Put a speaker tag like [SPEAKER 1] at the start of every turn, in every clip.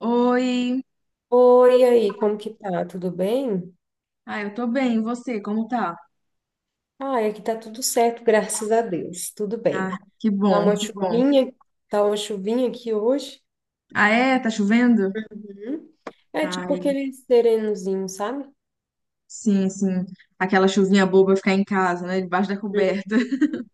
[SPEAKER 1] Oi.
[SPEAKER 2] Oi, e aí, como que tá? Tudo bem?
[SPEAKER 1] Ah, eu tô bem. E você, como tá?
[SPEAKER 2] Ah, aqui tá tudo certo, graças a Deus. Tudo
[SPEAKER 1] Ah,
[SPEAKER 2] bem.
[SPEAKER 1] que
[SPEAKER 2] Tá uma
[SPEAKER 1] bom, que bom.
[SPEAKER 2] chuvinha, tá uma chuvinha aqui hoje.
[SPEAKER 1] Ah, é? Tá chovendo?
[SPEAKER 2] Uhum. É tipo
[SPEAKER 1] Ai,
[SPEAKER 2] aquele serenozinho, sabe?
[SPEAKER 1] sim, sim. Aquela chuvinha boba ficar em casa, né? Debaixo da coberta.
[SPEAKER 2] Uhum.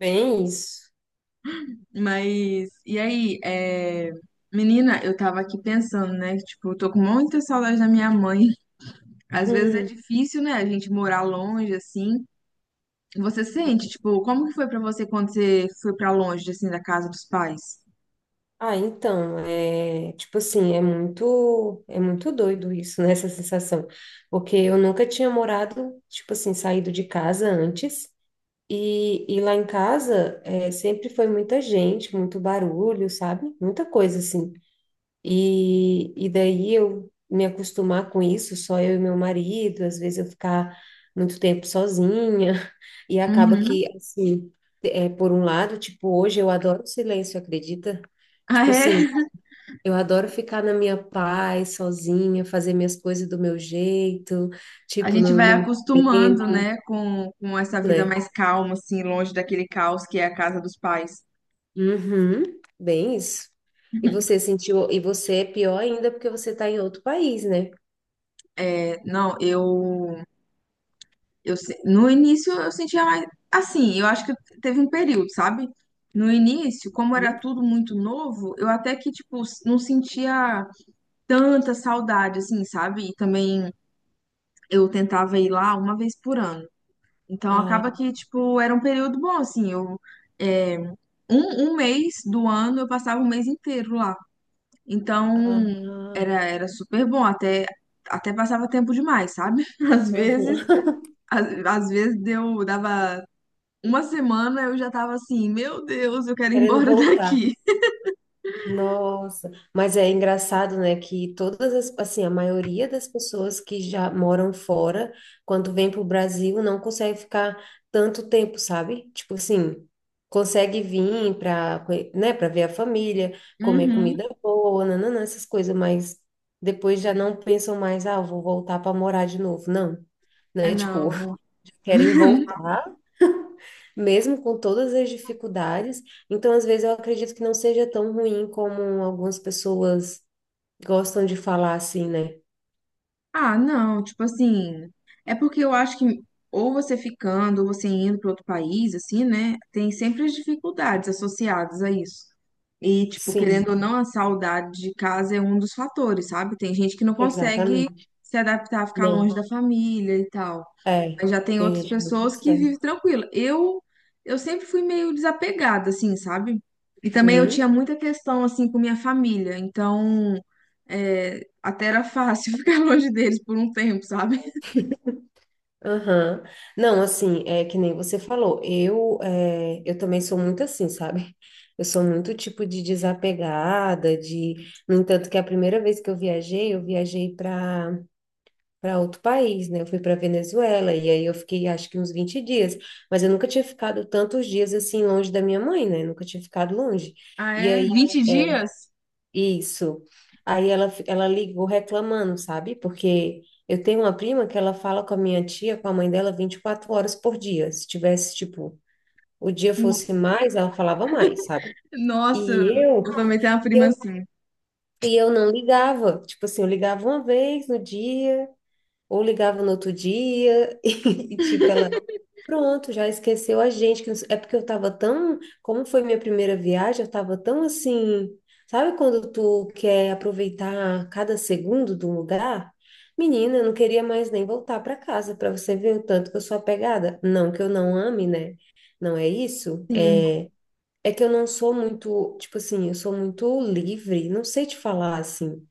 [SPEAKER 2] Bem isso.
[SPEAKER 1] Mas, e aí, menina, eu tava aqui pensando, né? Tipo, eu tô com muita saudade da minha mãe. Às vezes é
[SPEAKER 2] Uhum.
[SPEAKER 1] difícil, né? A gente morar longe, assim. Você sente, tipo, como que foi pra você quando você foi pra longe, assim, da casa dos pais?
[SPEAKER 2] Ah, então, é tipo assim, é muito doido isso, né? Essa sensação. Porque eu nunca tinha morado, tipo assim, saído de casa antes. E lá em casa é, sempre foi muita gente, muito barulho, sabe? Muita coisa assim. E daí eu me acostumar com isso, só eu e meu marido, às vezes eu ficar muito tempo sozinha, e acaba
[SPEAKER 1] Uhum.
[SPEAKER 2] que, assim, é, por um lado, tipo, hoje eu adoro o silêncio, acredita?
[SPEAKER 1] Ah,
[SPEAKER 2] Tipo assim,
[SPEAKER 1] é?
[SPEAKER 2] eu adoro ficar na minha paz, sozinha, fazer minhas coisas do meu jeito,
[SPEAKER 1] A
[SPEAKER 2] tipo,
[SPEAKER 1] gente
[SPEAKER 2] no,
[SPEAKER 1] vai
[SPEAKER 2] no meu
[SPEAKER 1] acostumando,
[SPEAKER 2] tempo,
[SPEAKER 1] né, com essa vida
[SPEAKER 2] né?
[SPEAKER 1] mais calma, assim, longe daquele caos que é a casa dos pais.
[SPEAKER 2] Uhum, bem isso. E você sentiu, e você é pior ainda porque você está em outro país, né?
[SPEAKER 1] É, não, eu se- No início eu sentia mais assim, eu acho que teve um período, sabe? No início, como era
[SPEAKER 2] Hum?
[SPEAKER 1] tudo muito novo, eu até que tipo não sentia tanta saudade assim, sabe? E também eu tentava ir lá uma vez por ano. Então
[SPEAKER 2] Ah,
[SPEAKER 1] acaba que tipo era um período bom assim, é, um mês do ano eu passava o mês inteiro lá. Então,
[SPEAKER 2] ah.
[SPEAKER 1] era super bom, até passava tempo demais, sabe? Às vezes,
[SPEAKER 2] aham.
[SPEAKER 1] às vezes dava uma semana, eu já tava assim, meu Deus, eu quero ir
[SPEAKER 2] Querendo
[SPEAKER 1] embora
[SPEAKER 2] voltar.
[SPEAKER 1] daqui.
[SPEAKER 2] Nossa, mas é engraçado, né, que todas as, assim, a maioria das pessoas que já moram fora, quando vem para o Brasil, não consegue ficar tanto tempo, sabe? Tipo assim, consegue vir para, né, para ver a família, comer
[SPEAKER 1] Uhum.
[SPEAKER 2] comida boa, nananã, essas coisas, mas depois já não pensam mais, ah, eu vou voltar para morar de novo. Não,
[SPEAKER 1] É,
[SPEAKER 2] né? Tipo,
[SPEAKER 1] Não, não
[SPEAKER 2] querem voltar mesmo com todas as dificuldades. Então, às vezes, eu acredito que não seja tão ruim como algumas pessoas gostam de falar assim, né?
[SPEAKER 1] Ah, não, tipo assim, é porque eu acho que ou você ficando, ou você indo para outro país, assim, né? Tem sempre as dificuldades associadas a isso. E, tipo, querendo
[SPEAKER 2] Sim,
[SPEAKER 1] ou não, a saudade de casa é um dos fatores, sabe? Tem gente que não consegue
[SPEAKER 2] exatamente.
[SPEAKER 1] se adaptar a ficar
[SPEAKER 2] Não,
[SPEAKER 1] longe da família e tal.
[SPEAKER 2] é,
[SPEAKER 1] Mas já tem
[SPEAKER 2] tem
[SPEAKER 1] outras
[SPEAKER 2] gente que não
[SPEAKER 1] pessoas que
[SPEAKER 2] consegue.
[SPEAKER 1] vivem tranquila. Eu sempre fui meio desapegada, assim, sabe? E também eu tinha
[SPEAKER 2] Hum,
[SPEAKER 1] muita questão, assim, com minha família. Então, é, até era fácil ficar longe deles por um tempo, sabe?
[SPEAKER 2] aham. Não, assim, é que nem você falou, eu, é, eu também sou muito assim, sabe? Eu sou muito tipo de desapegada, de... No entanto, que a primeira vez que eu viajei para outro país, né? Eu fui para Venezuela e aí eu fiquei acho que uns 20 dias, mas eu nunca tinha ficado tantos dias assim longe da minha mãe, né? Eu nunca tinha ficado longe.
[SPEAKER 1] Ah,
[SPEAKER 2] E
[SPEAKER 1] é?
[SPEAKER 2] aí
[SPEAKER 1] vinte
[SPEAKER 2] é
[SPEAKER 1] dias?
[SPEAKER 2] isso. Aí ela ligou reclamando, sabe? Porque eu tenho uma prima que ela fala com a minha tia, com a mãe dela 24 horas por dia. Se tivesse tipo o dia fosse mais, ela falava mais, sabe?
[SPEAKER 1] Nossa,
[SPEAKER 2] E eu,
[SPEAKER 1] eu também tenho uma
[SPEAKER 2] e
[SPEAKER 1] prima
[SPEAKER 2] eu,
[SPEAKER 1] assim.
[SPEAKER 2] e eu não ligava. Tipo assim, eu ligava uma vez no dia, ou ligava no outro dia e, tipo, ela, pronto, já esqueceu a gente. Que não sei- É porque eu tava tão, como foi minha primeira viagem, eu tava tão assim, sabe quando tu quer aproveitar cada segundo do lugar? Menina, eu não queria mais nem voltar para casa para você ver o tanto que eu sou apegada. Não que eu não ame, né? Não é isso?
[SPEAKER 1] Sim,
[SPEAKER 2] É, é que eu não sou muito, tipo assim, eu sou muito livre, não sei te falar assim.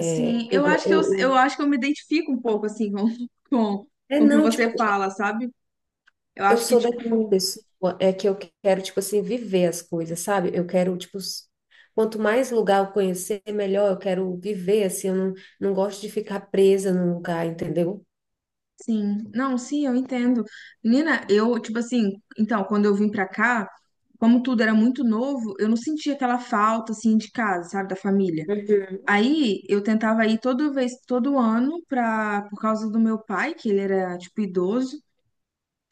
[SPEAKER 1] sim.
[SPEAKER 2] Eu,
[SPEAKER 1] Eu
[SPEAKER 2] go-
[SPEAKER 1] acho que eu, eu
[SPEAKER 2] eu-
[SPEAKER 1] acho que eu me identifico um pouco, assim, com,
[SPEAKER 2] é
[SPEAKER 1] com o que
[SPEAKER 2] não, tipo,
[SPEAKER 1] você fala, sabe? Eu
[SPEAKER 2] eu
[SPEAKER 1] acho que,
[SPEAKER 2] sou daquela
[SPEAKER 1] tipo,
[SPEAKER 2] pessoa é que eu quero, tipo assim, viver as coisas, sabe? Eu quero, quanto mais lugar eu conhecer, melhor eu quero viver, assim, eu não, não gosto de ficar presa num lugar, entendeu?
[SPEAKER 1] sim, não, sim, eu entendo. Menina, eu, tipo assim, então, quando eu vim pra cá, como tudo era muito novo, eu não sentia aquela falta, assim, de casa, sabe, da família.
[SPEAKER 2] Uhum.
[SPEAKER 1] Aí, eu tentava ir toda vez, todo ano, pra, por causa do meu pai, que ele era, tipo, idoso,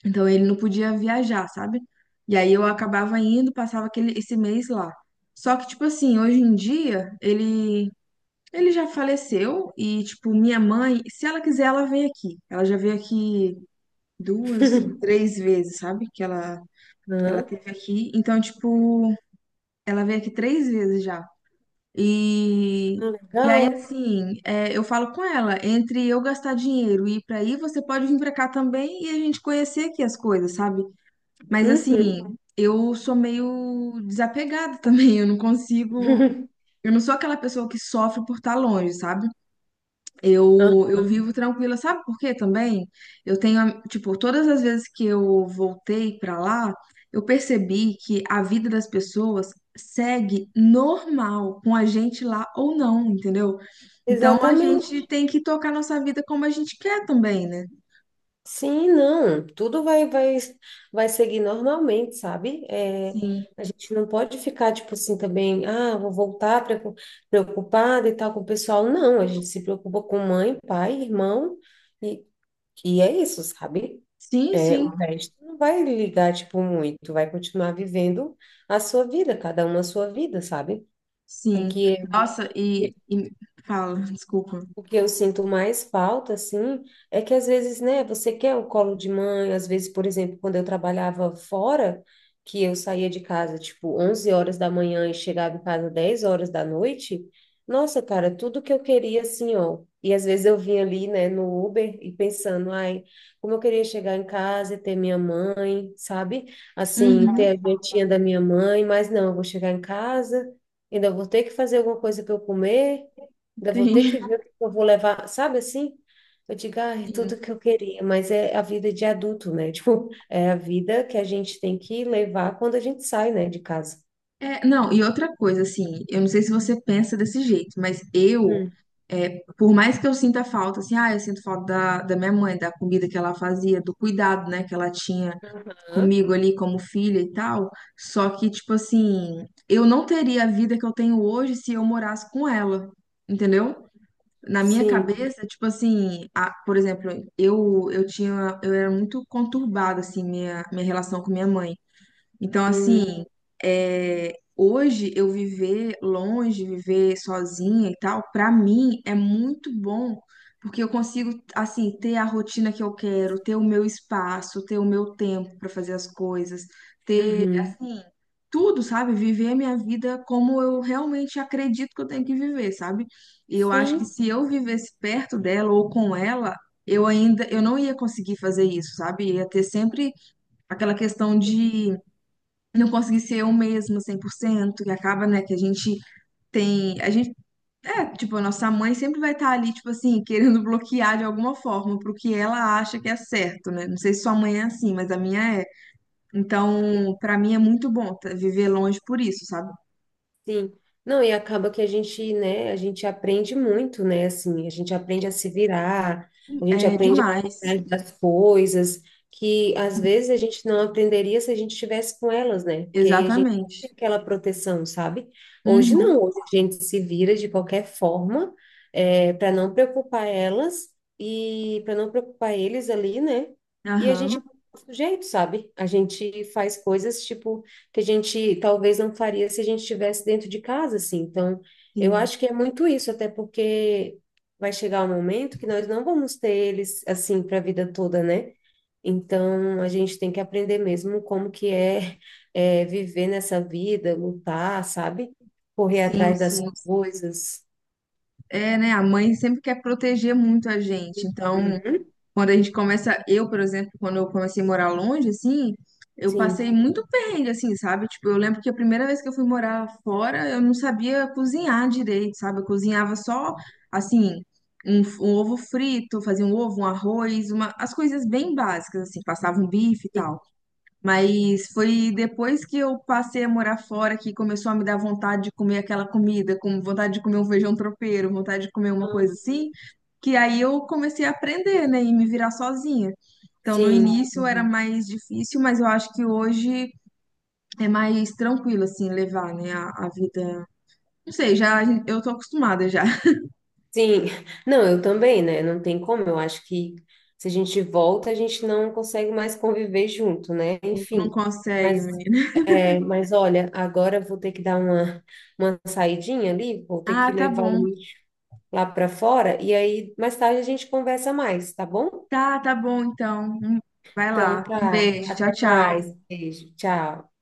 [SPEAKER 1] então ele não podia viajar, sabe? E aí eu acabava indo, passava aquele, esse mês lá. Só que, tipo assim, hoje em dia, ele já faleceu e, tipo, minha mãe, se ela quiser, ela vem aqui. Ela já veio aqui duas ou três vezes, sabe? Que ela
[SPEAKER 2] Hã?
[SPEAKER 1] teve aqui. Então, tipo, ela veio aqui três vezes já. E, e aí,
[SPEAKER 2] Legal.
[SPEAKER 1] assim, é, eu falo com ela, entre eu gastar dinheiro e ir pra aí, você pode vir pra cá também e a gente conhecer aqui as coisas, sabe? Mas,
[SPEAKER 2] Uhum.
[SPEAKER 1] assim, eu sou meio desapegada também, eu não consigo. Eu não sou aquela pessoa que sofre por estar longe, sabe?
[SPEAKER 2] Ah,
[SPEAKER 1] Eu vivo tranquila, sabe por quê também? Eu tenho, tipo, todas as vezes que eu voltei pra lá, eu percebi que a vida das pessoas segue normal com a gente lá ou não, entendeu? Então a
[SPEAKER 2] exatamente.
[SPEAKER 1] gente tem que tocar nossa vida como a gente quer também, né?
[SPEAKER 2] Sim, não, tudo vai seguir normalmente, sabe? É,
[SPEAKER 1] Sim,
[SPEAKER 2] a gente não pode ficar, tipo assim, também, ah, preocupada e tal com o pessoal. Não, a gente se preocupa com mãe, pai, irmão, e, e é isso, sabe?
[SPEAKER 1] sim,
[SPEAKER 2] É, o
[SPEAKER 1] sim,
[SPEAKER 2] resto não vai ligar, tipo, muito, vai continuar vivendo a sua vida, cada um a sua vida, sabe? O
[SPEAKER 1] sim.
[SPEAKER 2] que
[SPEAKER 1] Nossa, e fala, desculpa.
[SPEAKER 2] O que eu sinto mais falta, assim, é que às vezes, né, você quer o colo de mãe, às vezes, por exemplo, quando eu trabalhava fora, que eu saía de casa, tipo, 11 horas da manhã e chegava em casa 22 horas da noite, nossa, cara, tudo que eu queria, assim, ó, e às vezes eu vinha ali, né, no Uber e pensando, ai, como eu queria chegar em casa e ter minha mãe, sabe? Assim, ter
[SPEAKER 1] Uhum,
[SPEAKER 2] a jantinha da minha mãe, mas não, eu vou chegar em casa, ainda vou ter que fazer alguma coisa para eu comer, ainda vou ter que
[SPEAKER 1] sim.
[SPEAKER 2] ver o que eu vou levar, sabe assim? Eu digo, ah, é tudo que eu queria, mas é a vida de adulto, né? Tipo, é a vida que a gente tem que levar quando a gente sai, né, de casa.
[SPEAKER 1] É, não, e outra coisa, assim, eu não sei se você pensa desse jeito, mas eu,
[SPEAKER 2] Hum.
[SPEAKER 1] é, por mais que eu sinta falta, assim, ah, eu sinto falta da minha mãe, da comida que ela fazia, do cuidado, né, que ela tinha
[SPEAKER 2] Aham.
[SPEAKER 1] comigo ali como filha e tal, só que, tipo assim, eu não teria a vida que eu tenho hoje se eu morasse com ela, entendeu? Na minha
[SPEAKER 2] Sim.
[SPEAKER 1] cabeça, tipo assim, por exemplo, eu era muito conturbada, assim, minha relação com minha mãe. Então,
[SPEAKER 2] Hum,
[SPEAKER 1] assim, é, hoje eu viver longe, viver sozinha e tal, pra mim é muito bom, porque eu consigo, assim, ter a rotina que eu quero, ter o meu espaço, ter o meu tempo pra fazer as coisas, ter,
[SPEAKER 2] uhum.
[SPEAKER 1] assim, tudo, sabe? Viver a minha vida como eu realmente acredito que eu tenho que viver, sabe? E eu acho que
[SPEAKER 2] Sim.
[SPEAKER 1] se eu vivesse perto dela ou com ela, eu não ia conseguir fazer isso, sabe? Ia ter sempre aquela questão de não conseguir ser o mesmo 100% que acaba, né, que a gente tem. Tipo, a nossa mãe sempre vai estar ali, tipo assim, querendo bloquear de alguma forma pro que ela acha que é certo, né? Não sei se sua mãe é assim, mas a minha é. Então, pra mim é muito bom viver longe por isso, sabe?
[SPEAKER 2] Sim. Não, e acaba que a gente, né, a gente aprende muito, né, assim, a gente aprende a se virar, a gente
[SPEAKER 1] É
[SPEAKER 2] aprende a
[SPEAKER 1] demais.
[SPEAKER 2] cuidar das coisas que às vezes a gente não aprenderia se a gente estivesse com elas, né? Porque a gente tem
[SPEAKER 1] Exatamente.
[SPEAKER 2] aquela proteção, sabe? Hoje
[SPEAKER 1] Uhum.
[SPEAKER 2] não, hoje a gente se vira de qualquer forma, é, para não preocupar elas e para não preocupar eles ali, né? E a gente
[SPEAKER 1] Aham.
[SPEAKER 2] do jeito, sabe? A gente faz coisas tipo que a gente talvez não faria se a gente estivesse dentro de casa, assim. Então, eu
[SPEAKER 1] Sim,
[SPEAKER 2] acho que é muito isso, até porque vai chegar um momento que nós não vamos ter eles assim para a vida toda, né? Então, a gente tem que aprender mesmo como que é, é, viver nessa vida, lutar, sabe? Correr
[SPEAKER 1] sim,
[SPEAKER 2] atrás das
[SPEAKER 1] sim.
[SPEAKER 2] coisas.
[SPEAKER 1] É, né? A mãe sempre quer proteger muito a gente. Então,
[SPEAKER 2] Uhum.
[SPEAKER 1] quando a gente começa, eu, por exemplo, quando eu comecei a morar longe, assim, eu passei
[SPEAKER 2] Sim,
[SPEAKER 1] muito perrengue, assim, sabe? Tipo, eu lembro que a primeira vez que eu fui morar fora, eu não sabia cozinhar direito, sabe? Eu cozinhava só, assim, um ovo frito, fazia um ovo, um arroz, uma, as coisas bem básicas, assim, passava um bife e
[SPEAKER 2] sim.
[SPEAKER 1] tal. Mas foi depois que eu passei a morar fora que começou a me dar vontade de comer aquela comida, com vontade de comer um feijão tropeiro, vontade de comer uma coisa
[SPEAKER 2] Uhum.
[SPEAKER 1] assim, que aí eu comecei a aprender, né, e me virar sozinha. Então, no
[SPEAKER 2] Sim.
[SPEAKER 1] início era
[SPEAKER 2] Uhum.
[SPEAKER 1] mais difícil, mas eu acho que hoje é mais tranquilo, assim, levar, né, a vida. Não sei, já eu tô acostumada já.
[SPEAKER 2] Sim, não, eu também, né? Não tem como. Eu acho que se a gente volta, a gente não consegue mais conviver junto, né?
[SPEAKER 1] Não
[SPEAKER 2] Enfim.
[SPEAKER 1] consegue,
[SPEAKER 2] Mas,
[SPEAKER 1] menina.
[SPEAKER 2] é, mas olha, agora eu vou ter que dar uma saidinha ali, vou ter
[SPEAKER 1] Ah,
[SPEAKER 2] que
[SPEAKER 1] tá
[SPEAKER 2] levar o
[SPEAKER 1] bom.
[SPEAKER 2] lixo lá para fora, e aí mais tarde a gente conversa mais, tá bom?
[SPEAKER 1] Tá, tá bom, então. Vai
[SPEAKER 2] Então
[SPEAKER 1] lá. Um
[SPEAKER 2] tá,
[SPEAKER 1] beijo. Tchau,
[SPEAKER 2] até mais.
[SPEAKER 1] tchau.
[SPEAKER 2] Beijo, tchau.